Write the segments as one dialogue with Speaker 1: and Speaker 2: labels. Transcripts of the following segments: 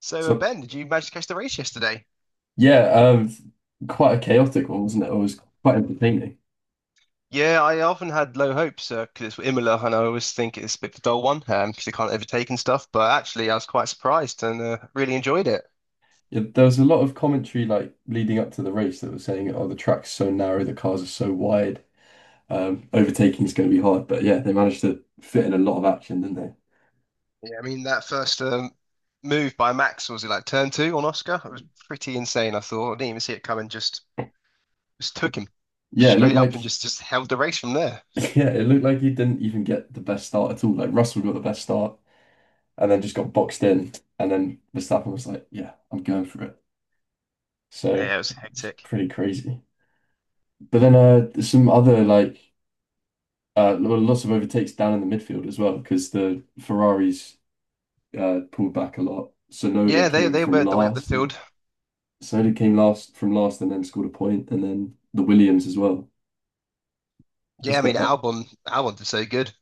Speaker 1: So,
Speaker 2: So
Speaker 1: Ben, did you manage to catch the race yesterday?
Speaker 2: yeah, quite a chaotic one, wasn't it? It was quite entertaining.
Speaker 1: Yeah, I often had low hopes 'cause because it's Imola, and I always think it's a bit of a dull one, because they can't overtake and stuff. But actually, I was quite surprised and really enjoyed it.
Speaker 2: Yeah, there was a lot of commentary like leading up to the race that was saying, "Oh, the track's so narrow, the cars are so wide, overtaking is going to be hard." But yeah, they managed to fit in a lot of action, didn't they?
Speaker 1: Yeah, I mean that first, move by Max, was it like turn two on Oscar? It was pretty insane. I thought I didn't even see it coming. Just took him
Speaker 2: Yeah, it looked
Speaker 1: straight up
Speaker 2: like
Speaker 1: and just held the race from there.
Speaker 2: yeah, it looked like he didn't even get the best start at all. Like Russell got the best start and then just got boxed in, and then Verstappen was like, "Yeah, I'm going for it." So
Speaker 1: Yeah,
Speaker 2: it
Speaker 1: it was
Speaker 2: was
Speaker 1: hectic.
Speaker 2: pretty crazy. But then there's some other like well, lots of overtakes down in the midfield as well because the Ferraris pulled back a lot. Sonoda
Speaker 1: Yeah, they
Speaker 2: came
Speaker 1: they
Speaker 2: from
Speaker 1: were the way up the
Speaker 2: last, and
Speaker 1: field.
Speaker 2: Sonoda came last from last, and then scored a point, and then the Williams as well.
Speaker 1: Yeah,
Speaker 2: Just
Speaker 1: I mean
Speaker 2: that,
Speaker 1: Albon did so good.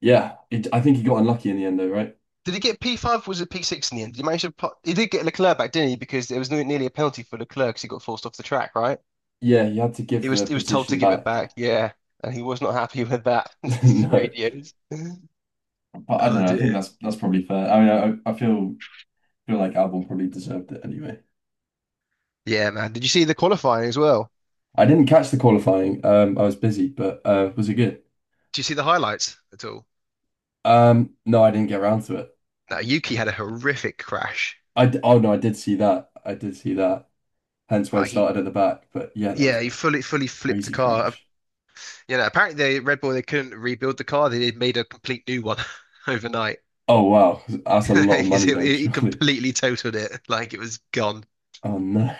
Speaker 2: yeah. I think he got unlucky in the end, though, right?
Speaker 1: Did he get P5 or was it P6 in the end? Did he manage to put, he did get Leclerc back, didn't he? Because there was nearly a penalty for Leclerc because he got forced off the track, right?
Speaker 2: Yeah, he had to
Speaker 1: He
Speaker 2: give the
Speaker 1: was he was told to
Speaker 2: position
Speaker 1: give it
Speaker 2: back.
Speaker 1: back, yeah. And he was not happy with that. This is
Speaker 2: No,
Speaker 1: radios.
Speaker 2: but I don't
Speaker 1: Oh
Speaker 2: know. I think
Speaker 1: dear.
Speaker 2: that's probably fair. I mean, I feel feel like Albon probably deserved it anyway.
Speaker 1: Yeah, man. Did you see the qualifying as well?
Speaker 2: I didn't catch the qualifying. I was busy, but was it good?
Speaker 1: Did you see the highlights at all?
Speaker 2: No, I didn't get around to it.
Speaker 1: No, Yuki had a horrific crash.
Speaker 2: Oh no, I did see that. I did see that. Hence why I
Speaker 1: Like he
Speaker 2: started at the back. But yeah, that
Speaker 1: Yeah,
Speaker 2: was
Speaker 1: he fully flipped the
Speaker 2: crazy
Speaker 1: car.
Speaker 2: crash.
Speaker 1: You know, apparently they Red Bull, they couldn't rebuild the car. They made a complete new one overnight.
Speaker 2: Oh wow, that's a lot of
Speaker 1: it,
Speaker 2: money then,
Speaker 1: it
Speaker 2: surely.
Speaker 1: completely totaled it. Like it was gone.
Speaker 2: Oh no,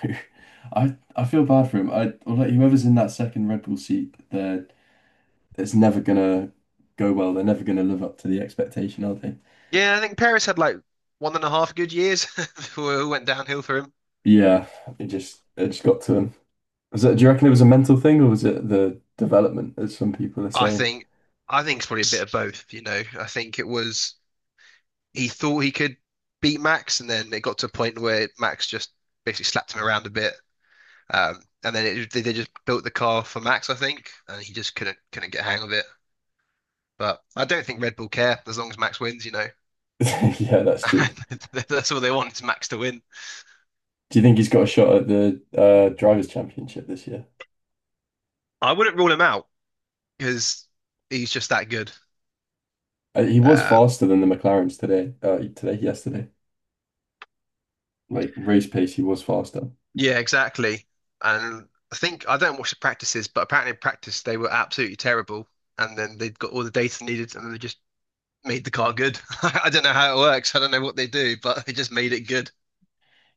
Speaker 2: I feel bad for him. I like whoever's in that second Red Bull seat, they're it's never gonna go well. They're never gonna live up to the expectation, are they?
Speaker 1: Yeah, I think Paris had like one and a half good years before it all went downhill for him.
Speaker 2: Yeah, it just got to him. Was it, do you reckon it was a mental thing or was it the development, as some people are
Speaker 1: I
Speaker 2: saying?
Speaker 1: think I think it's probably a bit of both, you know. I think it was, he thought he could beat Max, and then it got to a point where Max just basically slapped him around a bit. They just built the car for Max, I think, and he just couldn't get a hang of it. But I don't think Red Bull care as long as Max wins, you know.
Speaker 2: Yeah, that's true.
Speaker 1: That's all they want is Max to win.
Speaker 2: Do you think he's got a shot at the Drivers' Championship this year?
Speaker 1: I wouldn't rule him out because he's just that good.
Speaker 2: He was
Speaker 1: Um,
Speaker 2: faster than the McLarens today, yesterday. Like race pace, he was faster.
Speaker 1: Yeah, exactly. And I think, I don't watch the practices, but apparently in practice they were absolutely terrible. And then they got all the data needed, and then they just made the car good. I don't know how it works. I don't know what they do, but they just made it good.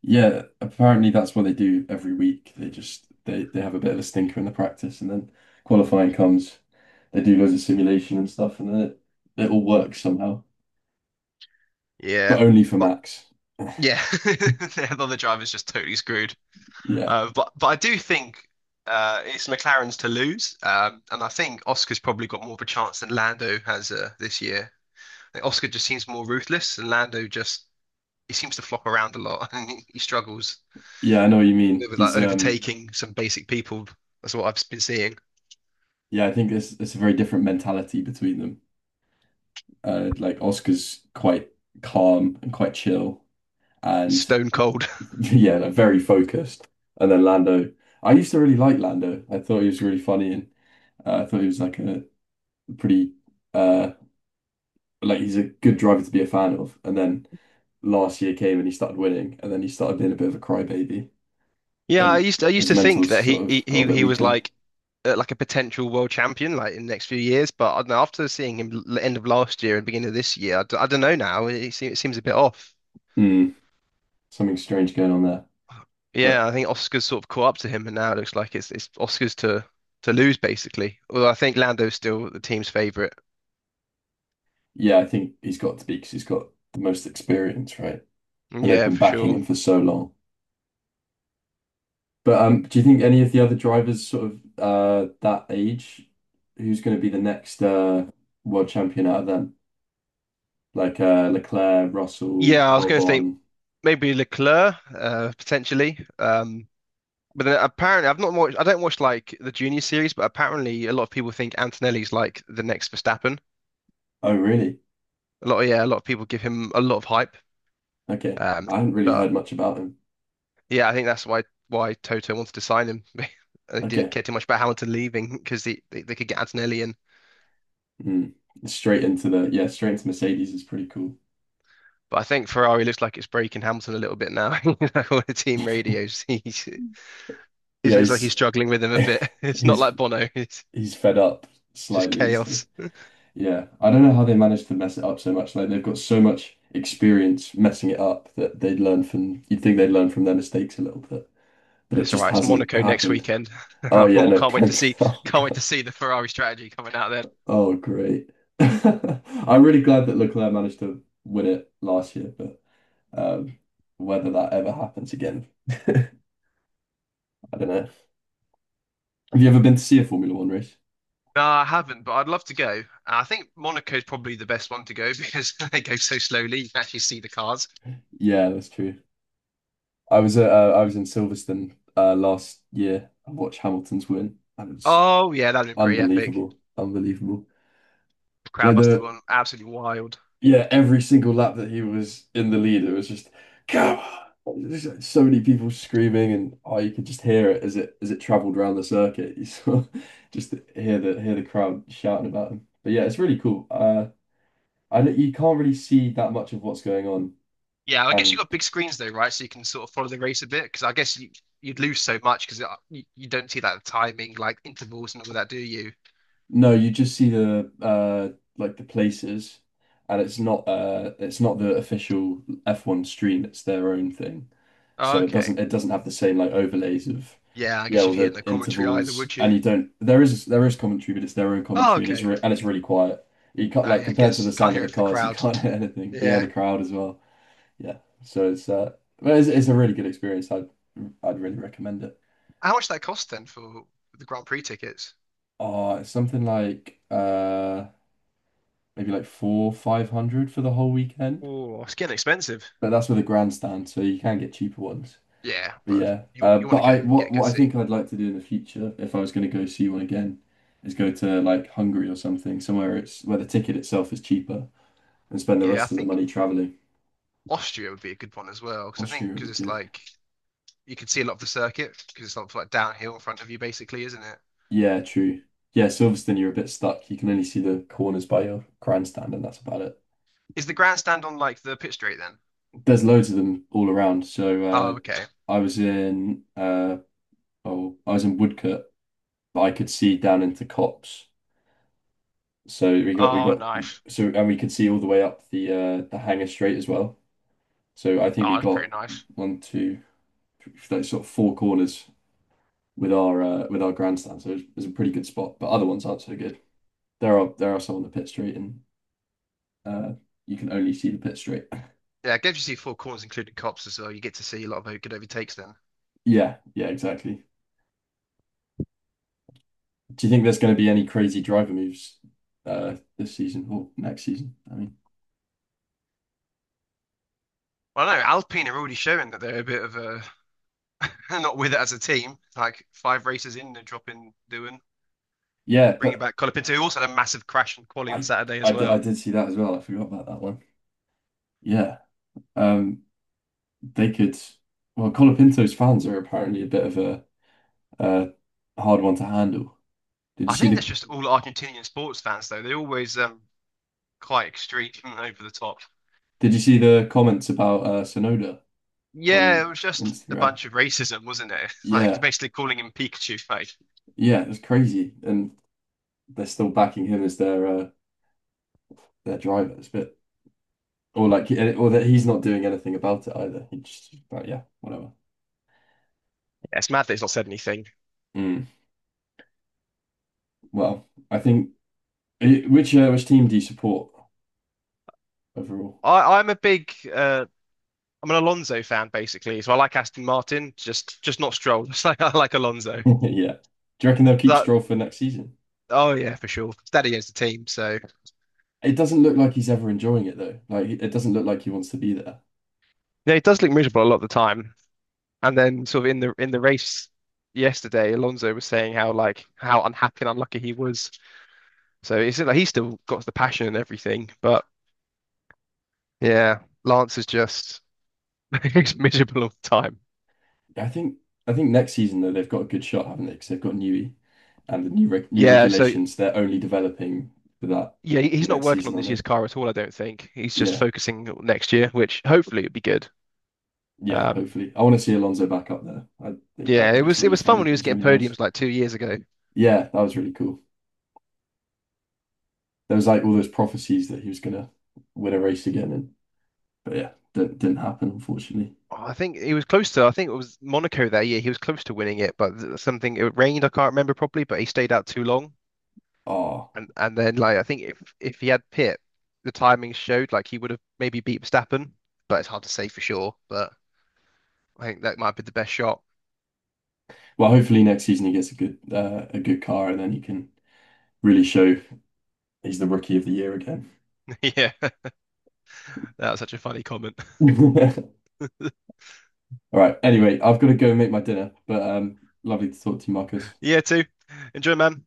Speaker 2: Yeah, apparently that's what they do every week. They they have a bit of a stinker in the practice, and then qualifying comes. They do loads of simulation and stuff, and it all works somehow,
Speaker 1: Yeah,
Speaker 2: but only for
Speaker 1: but
Speaker 2: Max.
Speaker 1: yeah, the other driver's just totally screwed.
Speaker 2: Yeah.
Speaker 1: But I do think, it's McLaren's to lose, and I think Oscar's probably got more of a chance than Lando has, this year. I think Oscar just seems more ruthless, and Lando just, he seems to flop around a lot, and he struggles.
Speaker 2: Yeah, I know what you mean.
Speaker 1: It was like
Speaker 2: He's
Speaker 1: overtaking some basic people. That's what I've been seeing.
Speaker 2: yeah, I think it's a very different mentality between them. Like Oscar's quite calm and quite chill and
Speaker 1: Stone cold.
Speaker 2: yeah, like very focused. And then Lando, I used to really like Lando. I thought he was really funny and I thought he was like a pretty uh like he's a good driver to be a fan of. And then last year came and he started winning and then he started being a bit of a crybaby
Speaker 1: Yeah,
Speaker 2: and
Speaker 1: I used
Speaker 2: his
Speaker 1: to think
Speaker 2: mental's
Speaker 1: that
Speaker 2: sort
Speaker 1: he he
Speaker 2: of got a
Speaker 1: he,
Speaker 2: bit
Speaker 1: he was
Speaker 2: weaker.
Speaker 1: like, like a potential world champion like in the next few years, but I don't know, after seeing him end of last year and beginning of this year, I don't know now. It seems a bit off.
Speaker 2: Hmm, something strange going on there.
Speaker 1: Yeah,
Speaker 2: But
Speaker 1: I think Oscar's sort of caught up to him, and now it looks like it's Oscar's to lose basically. Although I think Lando's still the team's favorite.
Speaker 2: yeah, I think he's got to be because he's got the most experience, right? And they've
Speaker 1: Yeah,
Speaker 2: been
Speaker 1: for
Speaker 2: backing
Speaker 1: sure.
Speaker 2: him for so long. But do you think any of the other drivers sort of that age, who's going to be the next world champion out of them? Like Leclerc, Russell,
Speaker 1: Yeah, I was going to think
Speaker 2: Albon.
Speaker 1: maybe Leclerc, potentially. But then apparently, I've not watched. I don't watch like the junior series, but apparently, a lot of people think Antonelli's like the next Verstappen.
Speaker 2: Oh, really?
Speaker 1: A lot of people give him a lot of hype.
Speaker 2: Okay.
Speaker 1: Um,
Speaker 2: I haven't really
Speaker 1: but
Speaker 2: heard much about him.
Speaker 1: yeah, I think that's why Toto wanted to sign him. They didn't
Speaker 2: Okay.
Speaker 1: care too much about Hamilton leaving because they could get Antonelli in.
Speaker 2: Mm. Straight into the yeah, straight into Mercedes is pretty cool.
Speaker 1: But I think Ferrari looks like it's breaking Hamilton a little bit now. You know, on the team radios, he's it
Speaker 2: Yeah,
Speaker 1: looks like he's
Speaker 2: he's
Speaker 1: struggling with him a bit. It's not
Speaker 2: he's
Speaker 1: like Bono. It's
Speaker 2: he's fed up
Speaker 1: just
Speaker 2: slightly, so.
Speaker 1: chaos.
Speaker 2: Yeah, I don't know how they managed to mess it up so much. Like they've got so much experience messing it up that you'd think they'd learn from their mistakes a little bit, but it
Speaker 1: That's all
Speaker 2: just
Speaker 1: right. It's
Speaker 2: hasn't
Speaker 1: Monaco next
Speaker 2: happened.
Speaker 1: weekend.
Speaker 2: Oh
Speaker 1: I
Speaker 2: yeah, no,
Speaker 1: can't wait to
Speaker 2: plenty.
Speaker 1: see.
Speaker 2: Oh
Speaker 1: Can't wait to
Speaker 2: God.
Speaker 1: see the Ferrari strategy coming out then.
Speaker 2: Oh great. I'm really glad that Leclerc managed to win it last year, but um, whether that ever happens again, I don't know. Have you ever been to see a Formula One race?
Speaker 1: No, I haven't, but I'd love to go. I think Monaco is probably the best one to go because they go so slowly. You can actually see the cars.
Speaker 2: Yeah, that's true. I was I was in Silverstone last year. I watched Hamilton's win, and it was
Speaker 1: Oh yeah, that'd been pretty epic.
Speaker 2: unbelievable. Unbelievable.
Speaker 1: The crowd
Speaker 2: Like
Speaker 1: must have
Speaker 2: the
Speaker 1: gone absolutely wild.
Speaker 2: yeah, every single lap that he was in the lead, it was just go on. There's like so many people screaming and oh you could just hear it as it traveled around the circuit. You saw just hear the crowd shouting about him. But yeah, it's really cool. I don't- you can't really see that much of what's going on.
Speaker 1: Yeah, I guess you've
Speaker 2: And
Speaker 1: got big screens though, right? So you can sort of follow the race a bit because I guess you, you'd lose so much because you don't see that timing, like intervals and all that, do you?
Speaker 2: no, you just see the like the places and it's not the official F1 stream, it's their own thing. So
Speaker 1: Okay.
Speaker 2: it doesn't have the same like overlays of
Speaker 1: Yeah, I
Speaker 2: yeah
Speaker 1: guess
Speaker 2: all
Speaker 1: you'd hear
Speaker 2: the
Speaker 1: no commentary either,
Speaker 2: intervals
Speaker 1: would
Speaker 2: and
Speaker 1: you?
Speaker 2: you don't there is commentary but it's their own
Speaker 1: Oh,
Speaker 2: commentary and it's
Speaker 1: okay.
Speaker 2: re and it's really quiet. You can't like
Speaker 1: I
Speaker 2: compared to
Speaker 1: guess
Speaker 2: the
Speaker 1: you can't
Speaker 2: sound of
Speaker 1: hear
Speaker 2: the
Speaker 1: it for the
Speaker 2: cars you
Speaker 1: crowd.
Speaker 2: can't hear anything. Yeah,
Speaker 1: Yeah.
Speaker 2: the crowd as well. Yeah, so it's but it's a really good experience. I'd really recommend it.
Speaker 1: How much did that cost then for the Grand Prix tickets?
Speaker 2: Oh, it's something like maybe like four five hundred for the whole weekend,
Speaker 1: Oh, it's getting expensive.
Speaker 2: but that's with a grandstand so you can get cheaper ones.
Speaker 1: Yeah,
Speaker 2: But
Speaker 1: but
Speaker 2: yeah,
Speaker 1: you you want
Speaker 2: but
Speaker 1: to go
Speaker 2: I
Speaker 1: get a good
Speaker 2: what I
Speaker 1: seat.
Speaker 2: think I'd like to do in the future, if I was going to go see one again, is go to like Hungary or something, somewhere it's where the ticket itself is cheaper, and spend the
Speaker 1: Yeah, I
Speaker 2: rest of the
Speaker 1: think
Speaker 2: money traveling.
Speaker 1: Austria would be a good one as well because I think,
Speaker 2: Austria would be
Speaker 1: because it's
Speaker 2: good.
Speaker 1: like, you can see a lot of the circuit because it's not like downhill in front of you basically, isn't it?
Speaker 2: Yeah, true. Yeah, Silverstone, you're a bit stuck. You can only see the corners by your grandstand, and that's about it.
Speaker 1: Is the grandstand on like the pit straight then?
Speaker 2: There's loads of them all around. So
Speaker 1: Oh, okay.
Speaker 2: I was in oh, I was in Woodcote, but I could see down into Copse. So we
Speaker 1: Oh,
Speaker 2: got
Speaker 1: nice.
Speaker 2: so and we could see all the way up the Hanger Strait as well. So I think
Speaker 1: Oh,
Speaker 2: we
Speaker 1: that's pretty
Speaker 2: got
Speaker 1: nice.
Speaker 2: one, two, three, like sort of four corners with our grandstand. So it was a pretty good spot, but other ones aren't so good. There are some on the pit straight, and uh, you can only see the pit straight.
Speaker 1: Yeah, it gives you see four corners including cops as well. You get to see a lot of good overtakes then.
Speaker 2: Yeah, yeah, exactly. Do you think there's going to be any crazy driver moves this season or next season? I mean,
Speaker 1: Well, I don't know, Alpine are already showing that they're a bit of a not with it as a team. Like five races in, they're dropping Doohan,
Speaker 2: yeah,
Speaker 1: bringing
Speaker 2: but
Speaker 1: back Colapinto, who also had a massive crash in quali on
Speaker 2: I
Speaker 1: Saturday as
Speaker 2: I
Speaker 1: well.
Speaker 2: did see that as well. I forgot about that one. Yeah, um, they could. Well, Colapinto's fans are apparently a bit of a uh, hard one to handle. Did
Speaker 1: I
Speaker 2: you see
Speaker 1: think that's
Speaker 2: the
Speaker 1: just all Argentinian sports fans, though. They're always, quite extreme and over the top.
Speaker 2: Did you see the comments about Sonoda
Speaker 1: Yeah,
Speaker 2: on
Speaker 1: it was just a
Speaker 2: Instagram?
Speaker 1: bunch of racism, wasn't it? Like it's
Speaker 2: Yeah,
Speaker 1: basically calling him Pikachu. Like
Speaker 2: yeah, it was crazy, and they're still backing him as their driver. It's a bit, or like, or that he's not doing anything about it either. He just, but yeah, whatever.
Speaker 1: yeah, it's mad that he's not said anything.
Speaker 2: Mm. Well, I think which team do you support overall?
Speaker 1: I'm a big, I'm an Alonso fan basically, so I like Aston Martin, just not Stroll. Just like I like Alonso.
Speaker 2: Yeah, do you reckon they'll keep
Speaker 1: That
Speaker 2: Stroll for next season?
Speaker 1: oh yeah, for sure. Daddy owns the team, so
Speaker 2: It doesn't look like he's ever enjoying it though. Like, it doesn't look like he wants to be there.
Speaker 1: yeah, he does look miserable a lot of the time. And then sort of in the race yesterday, Alonso was saying how like how unhappy and unlucky he was. So it's like he's still got the passion and everything, but yeah, Lance is just he's miserable all the time.
Speaker 2: I think I think next season though they've got a good shot, haven't they? Because they've got Newey and the new
Speaker 1: Yeah, so
Speaker 2: regulations. They're only developing for that
Speaker 1: yeah, he's not
Speaker 2: next
Speaker 1: working
Speaker 2: season,
Speaker 1: on
Speaker 2: aren't
Speaker 1: this
Speaker 2: they?
Speaker 1: year's car at all, I don't think. He's just
Speaker 2: Yeah,
Speaker 1: focusing on next year, which hopefully it'll be good.
Speaker 2: yeah.
Speaker 1: Um
Speaker 2: Hopefully, I want to see Alonso back up there. I
Speaker 1: yeah, it
Speaker 2: think it's
Speaker 1: was it
Speaker 2: really
Speaker 1: was fun when
Speaker 2: funny.
Speaker 1: he was
Speaker 2: It's
Speaker 1: getting
Speaker 2: really nice.
Speaker 1: podiums like 2 years ago.
Speaker 2: Yeah, that was really cool. There was like all those prophecies that he was gonna win a race again, and but yeah, that didn't happen unfortunately.
Speaker 1: Oh, I think he was close to, I think it was Monaco that year. He was close to winning it, but something, it rained, I can't remember properly, but he stayed out too long.
Speaker 2: Oh
Speaker 1: And then, like, I think if he had Pitt, the timing showed like he would have maybe beat Verstappen, but it's hard to say for sure. But I think that might be the best shot.
Speaker 2: well, hopefully next season he gets a good car, and then he can really show he's the rookie of the year again.
Speaker 1: Yeah, that was such a funny comment.
Speaker 2: All right. Anyway, I've got to go and make my dinner, but lovely to talk to you, Marcus.
Speaker 1: Yeah, too. Enjoy, man.